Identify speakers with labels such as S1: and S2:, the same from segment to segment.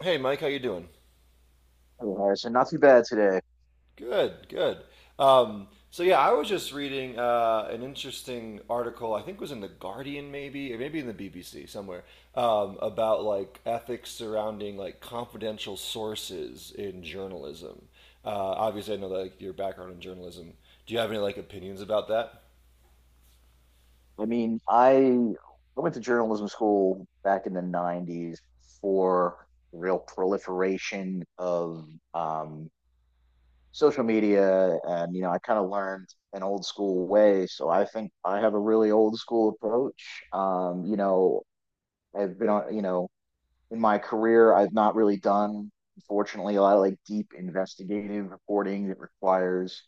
S1: Hey, Mike, how you doing?
S2: Yeah, so not too bad today.
S1: Good, good. So yeah, I was just reading an interesting article. I think it was in the Guardian, maybe, or maybe in the BBC somewhere, about like ethics surrounding like confidential sources in journalism. Obviously, I know that like your background in journalism. Do you have any like opinions about that?
S2: I mean, I went to journalism school back in the 90s for the real proliferation of um, social media. And, you know, I kind of learned an old school way. So I think I have a really old school approach. I've been on, in my career, I've not really done, unfortunately, a lot of like deep investigative reporting that requires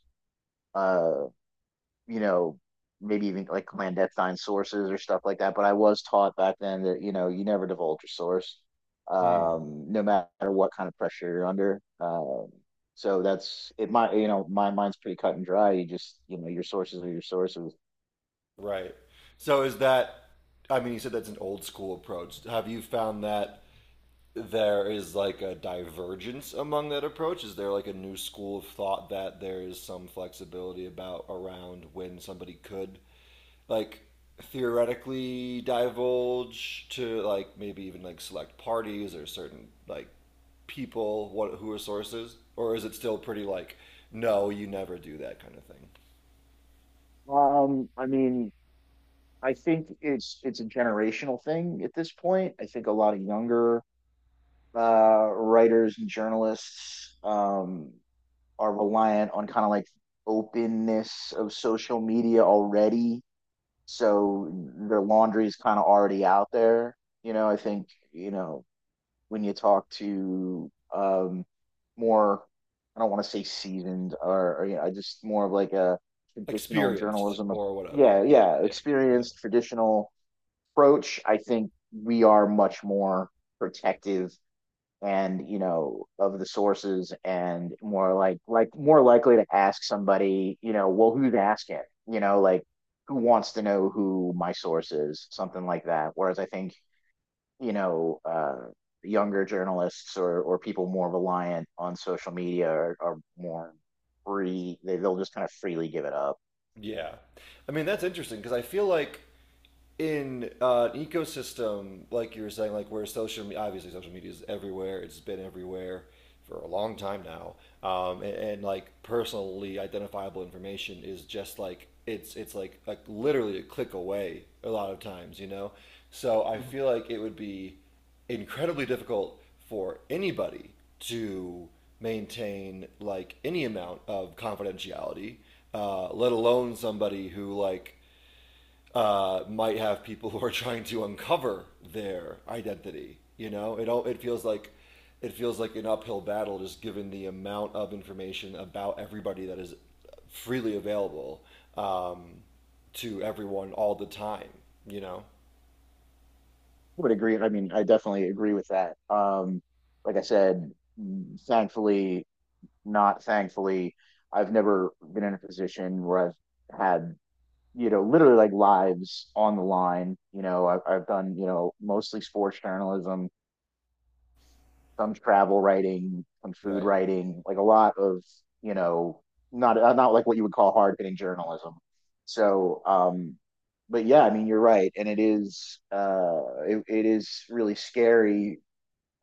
S2: uh, you know, maybe even like clandestine sources or stuff like that. But I was taught back then that, you know, you never divulge your source,
S1: Mm.
S2: no matter what kind of pressure you're under. So that's it. My mind's pretty cut and dry. Your sources are your sources.
S1: Right. So is that, I mean, you said that's an old school approach. Have you found that there is like a divergence among that approach? Is there like a new school of thought that there is some flexibility about around when somebody could like theoretically divulge to like maybe even like select parties or certain like people what who are sources, or is it still pretty like no, you never do that kind of thing,
S2: I mean, I think it's a generational thing at this point. I think a lot of younger writers and journalists, are reliant on kind of like openness of social media already. So their laundry is kind of already out there. You know, I think, you know, When you talk to more, I don't want to say seasoned or, you know, I just more of like a traditional
S1: experienced
S2: journalism.
S1: or whatever?
S2: Yeah,
S1: Yeah,
S2: yeah,
S1: yeah. Yeah.
S2: experienced traditional approach. I think we are much more protective, and you know, of the sources, and more like more likely to ask somebody, you know, well, who's asking, you know, like, who wants to know who my source is, something like that. Whereas I think, you know uh, younger journalists or people more reliant on social media are more free. They'll just kind of freely give it up.
S1: Yeah, I mean that's interesting because I feel like in an ecosystem like you were saying, like where social media, obviously social media is everywhere. It's been everywhere for a long time now, and like personally identifiable information is just like it's like literally a click away a lot of times. So I
S2: Mhm.
S1: feel like it would be incredibly difficult for anybody to maintain like any amount of confidentiality, let alone somebody who like might have people who are trying to uncover their identity. You know, it feels like an uphill battle, just given the amount of information about everybody that is freely available um, to everyone all the time. You know,
S2: Would agree. I mean, I definitely agree with that. Like I said, thankfully, not thankfully, I've never been in a position where I've had, you know, literally like lives on the line. You know, I've done, you know, mostly sports journalism, some travel writing, some food
S1: Right.
S2: writing, like a lot of, you know, not not like what you would call hard hitting journalism. So, but yeah, I mean, you're right, and it is it is really scary.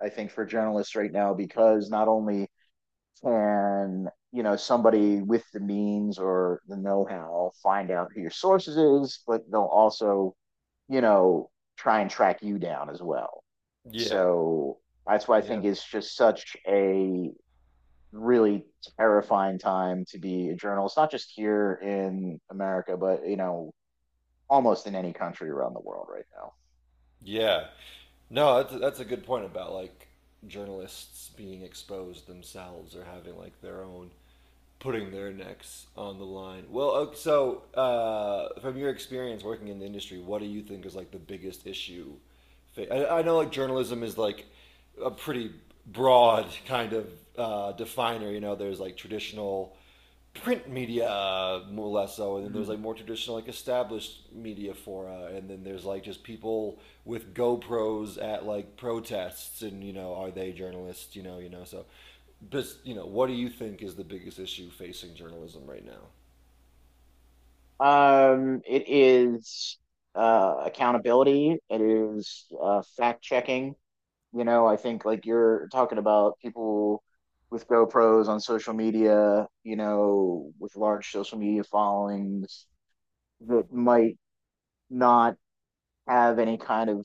S2: I think for journalists right now because not only can, you know, somebody with the means or the know-how find out who your sources is, but they'll also, you know, try and track you down as well.
S1: Yeah,
S2: So that's why I
S1: yeah.
S2: think it's just such a really terrifying time to be a journalist, not just here in America, but you know, almost in any country around the world right now.
S1: Yeah. No, that's a good point about like journalists being exposed themselves or having like their own, putting their necks on the line. Well, so from your experience working in the industry, what do you think is like the biggest issue? I know like journalism is like a pretty broad kind of definer. You know, there's like traditional print media more or less so, and then there's like more traditional like established media fora, and then there's like just people with GoPros at like protests, and you know, are they journalists? So, but you know, what do you think is the biggest issue facing journalism right now?
S2: Mm. It is accountability, it is fact checking. You know, I think like you're talking about people with GoPros on social media, you know, with large social media followings that might not have any kind of,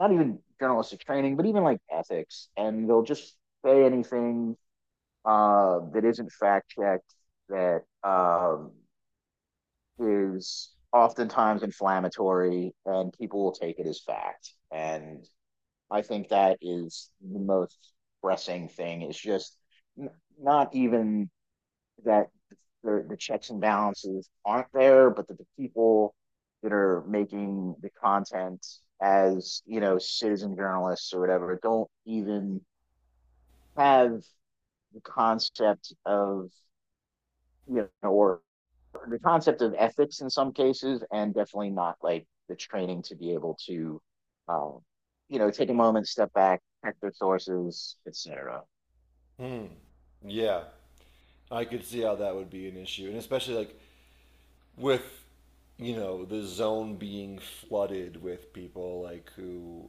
S2: not even journalistic training, but even like ethics, and they'll just say anything that isn't fact checked, that is oftentimes inflammatory, and people will take it as fact. And I think that is the most pressing thing. It's just n- not even that the checks and balances aren't there, but that the people that are making the content, as, you know, citizen journalists or whatever, don't even have the concept of, you know, or the concept of ethics in some cases, and definitely not like the training to be able to, um, you know, take a moment, step back, check their sources, etc.
S1: Hmm. Yeah, I could see how that would be an issue, and especially like with the zone being flooded with people like who,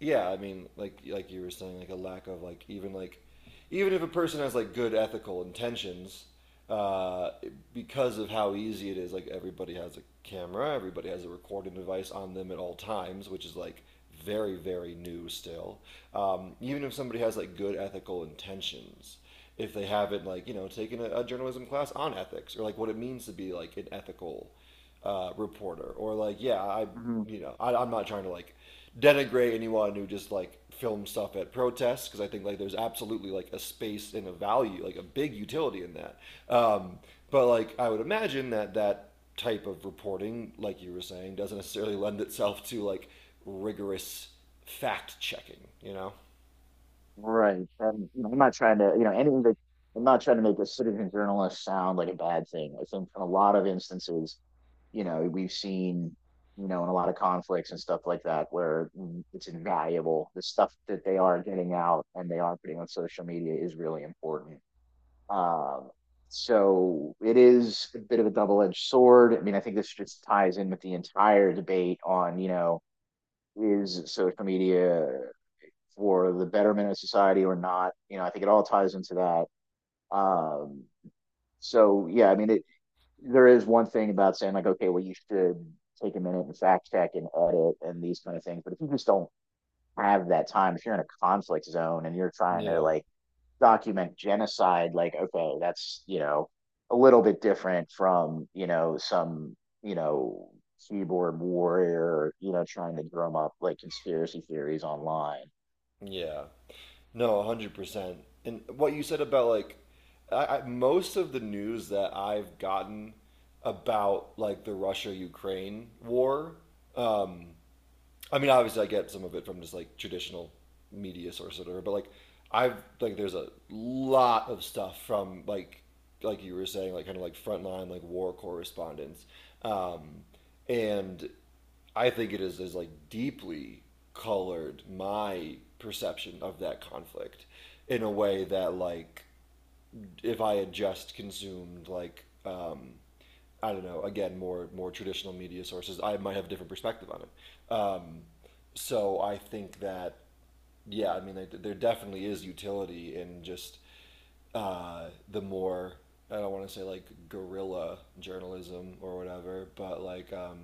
S1: yeah, I mean like you were saying, like a lack of like even if a person has like good ethical intentions, uh, because of how easy it is, like everybody has a camera, everybody has a recording device on them at all times, which is like very, very new still. Even if somebody has like good ethical intentions, if they haven't like you know taken a journalism class on ethics or like what it means to be like an ethical reporter or like, yeah, I
S2: Hmm.
S1: you know I'm not trying to like denigrate anyone who just like film stuff at protests, because I think like there's absolutely like a space and a value, like a big utility in that. Um, but like I would imagine that that type of reporting, like you were saying, doesn't necessarily lend itself to like rigorous fact checking, you know?
S2: Right. And you know, I'm not trying to, you know, anything that I'm not trying to make a citizen journalist sound like a bad thing. I think in a lot of instances, you know, we've seen, you know, in a lot of conflicts and stuff like that where it's invaluable. The stuff that they are getting out and they are putting on social media is really important. Um, so it is a bit of a double-edged sword. I mean, I think this just ties in with the entire debate on, you know, is social media for the betterment of society or not? You know, I think it all ties into that. Um, so yeah, I mean, there is one thing about saying like, okay, well, you should take a minute and fact check and edit and these kind of things. But if you just don't have that time, if you're in a conflict zone and you're trying to
S1: Yeah.
S2: like document genocide, like, okay, that's, you know, a little bit different from, you know, some, you know, keyboard warrior, you know, trying to drum up like conspiracy theories online.
S1: Yeah. No, 100%. And what you said about like most of the news that I've gotten about like the Russia Ukraine war, um, I mean, obviously, I get some of it from just like traditional media sources or whatever, but like I've like there's a lot of stuff from like you were saying, like kind of like frontline like war correspondents, um, and I think it is like deeply colored my perception of that conflict in a way that like if I had just consumed like I don't know, again, more traditional media sources, I might have a different perspective on it. So I think that, yeah, I mean, there definitely is utility in just the more, I don't want to say like guerrilla journalism or whatever, but like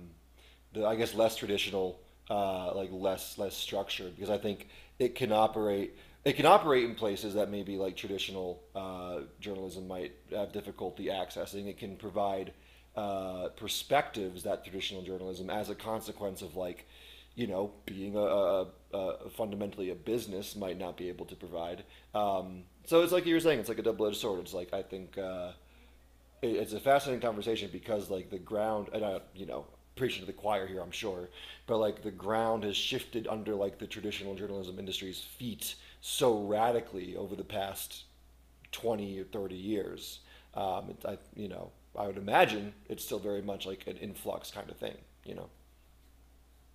S1: the, I guess, less traditional, like less structured, because I think it can operate. It can operate in places that maybe like traditional journalism might have difficulty accessing. It can provide perspectives that traditional journalism, as a consequence of like, you know, being a fundamentally a business, might not be able to provide. So it's like you were saying, it's like a double edged sword. It's like I think it's a fascinating conversation because like the ground, and I, you know, preaching to the choir here, I'm sure, but like the ground has shifted under like the traditional journalism industry's feet so radically over the past 20 or 30 years it, I I would imagine it's still very much like an influx kind of thing you know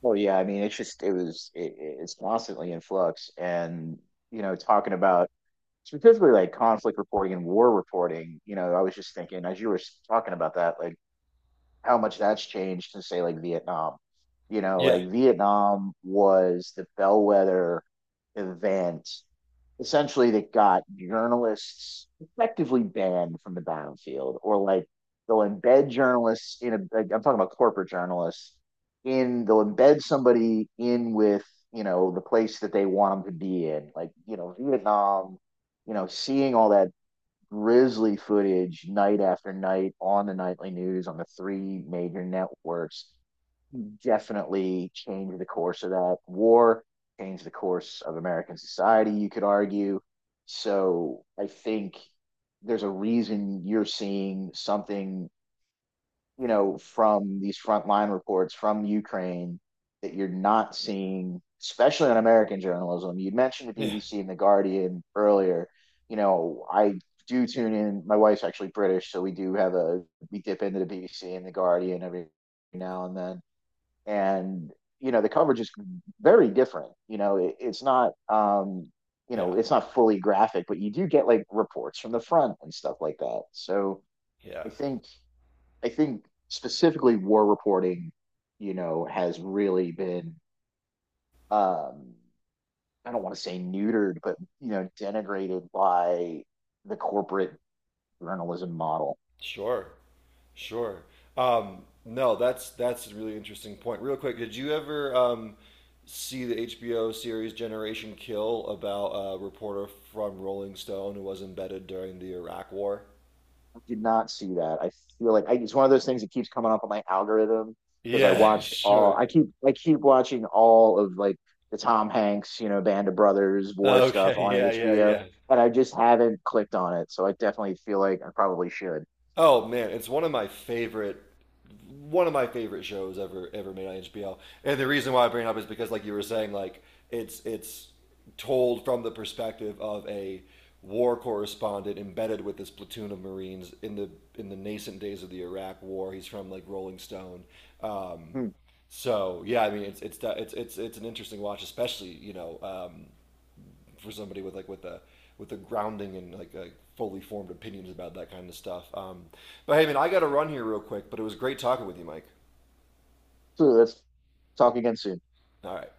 S2: Well, yeah, I mean, it's just, it was, it, it's constantly in flux. And, you know, talking about specifically like conflict reporting and war reporting, you know, I was just thinking as you were talking about that, like, how much that's changed to say like Vietnam. You know,
S1: yeah.
S2: like Vietnam was the bellwether event essentially that got journalists effectively banned from the battlefield, or like they'll embed journalists in a, like, I'm talking about corporate journalists, in they'll embed somebody in with, you know, the place that they want them to be in, like, you know, Vietnam, you know, seeing all that grisly footage night after night on the nightly news on the three major networks definitely changed the course of that war, changed the course of American society, you could argue. So I think there's a reason you're seeing something, you know, from these frontline reports from Ukraine that you're not seeing, especially on American journalism. You mentioned the
S1: Yeah.
S2: BBC and the Guardian earlier. You know, I do tune in. My wife's actually British, so we do have a, we dip into the BBC and the Guardian every now and then. And you know, the coverage is very different. You know, it's not, you
S1: Yeah.
S2: know, it's not fully graphic, but you do get like reports from the front and stuff like that. So
S1: Yeah.
S2: I think, I think specifically war reporting, you know, has really been, um I don't want to say neutered, but you know, denigrated by the corporate journalism model.
S1: Sure, sure. No, that's a really interesting point. Real quick, did you ever see the HBO series Generation Kill about a reporter from Rolling Stone who was embedded during the Iraq War?
S2: I did not see that. I feel like I, it's one of those things that keeps coming up on my algorithm because I
S1: Yeah,
S2: watch all
S1: sure.
S2: I keep watching all of like the Tom Hanks, you know, Band of Brothers war stuff
S1: Okay,
S2: on
S1: yeah, yeah,
S2: HBO,
S1: yeah.
S2: and I just haven't clicked on it. So I definitely feel like I probably should.
S1: Oh man, it's one of my favorite shows ever made on HBO. And the reason why I bring it up is because like you were saying, like it's told from the perspective of a war correspondent embedded with this platoon of Marines in the nascent days of the Iraq war. He's from like Rolling Stone. Um
S2: Hmm.
S1: so yeah, I mean it's an interesting watch, especially you know for somebody with like with a grounding and like a fully formed opinions about that kind of stuff. But hey, man, I got to run here real quick. But it was great talking with you, Mike.
S2: So let's talk again soon.
S1: All right.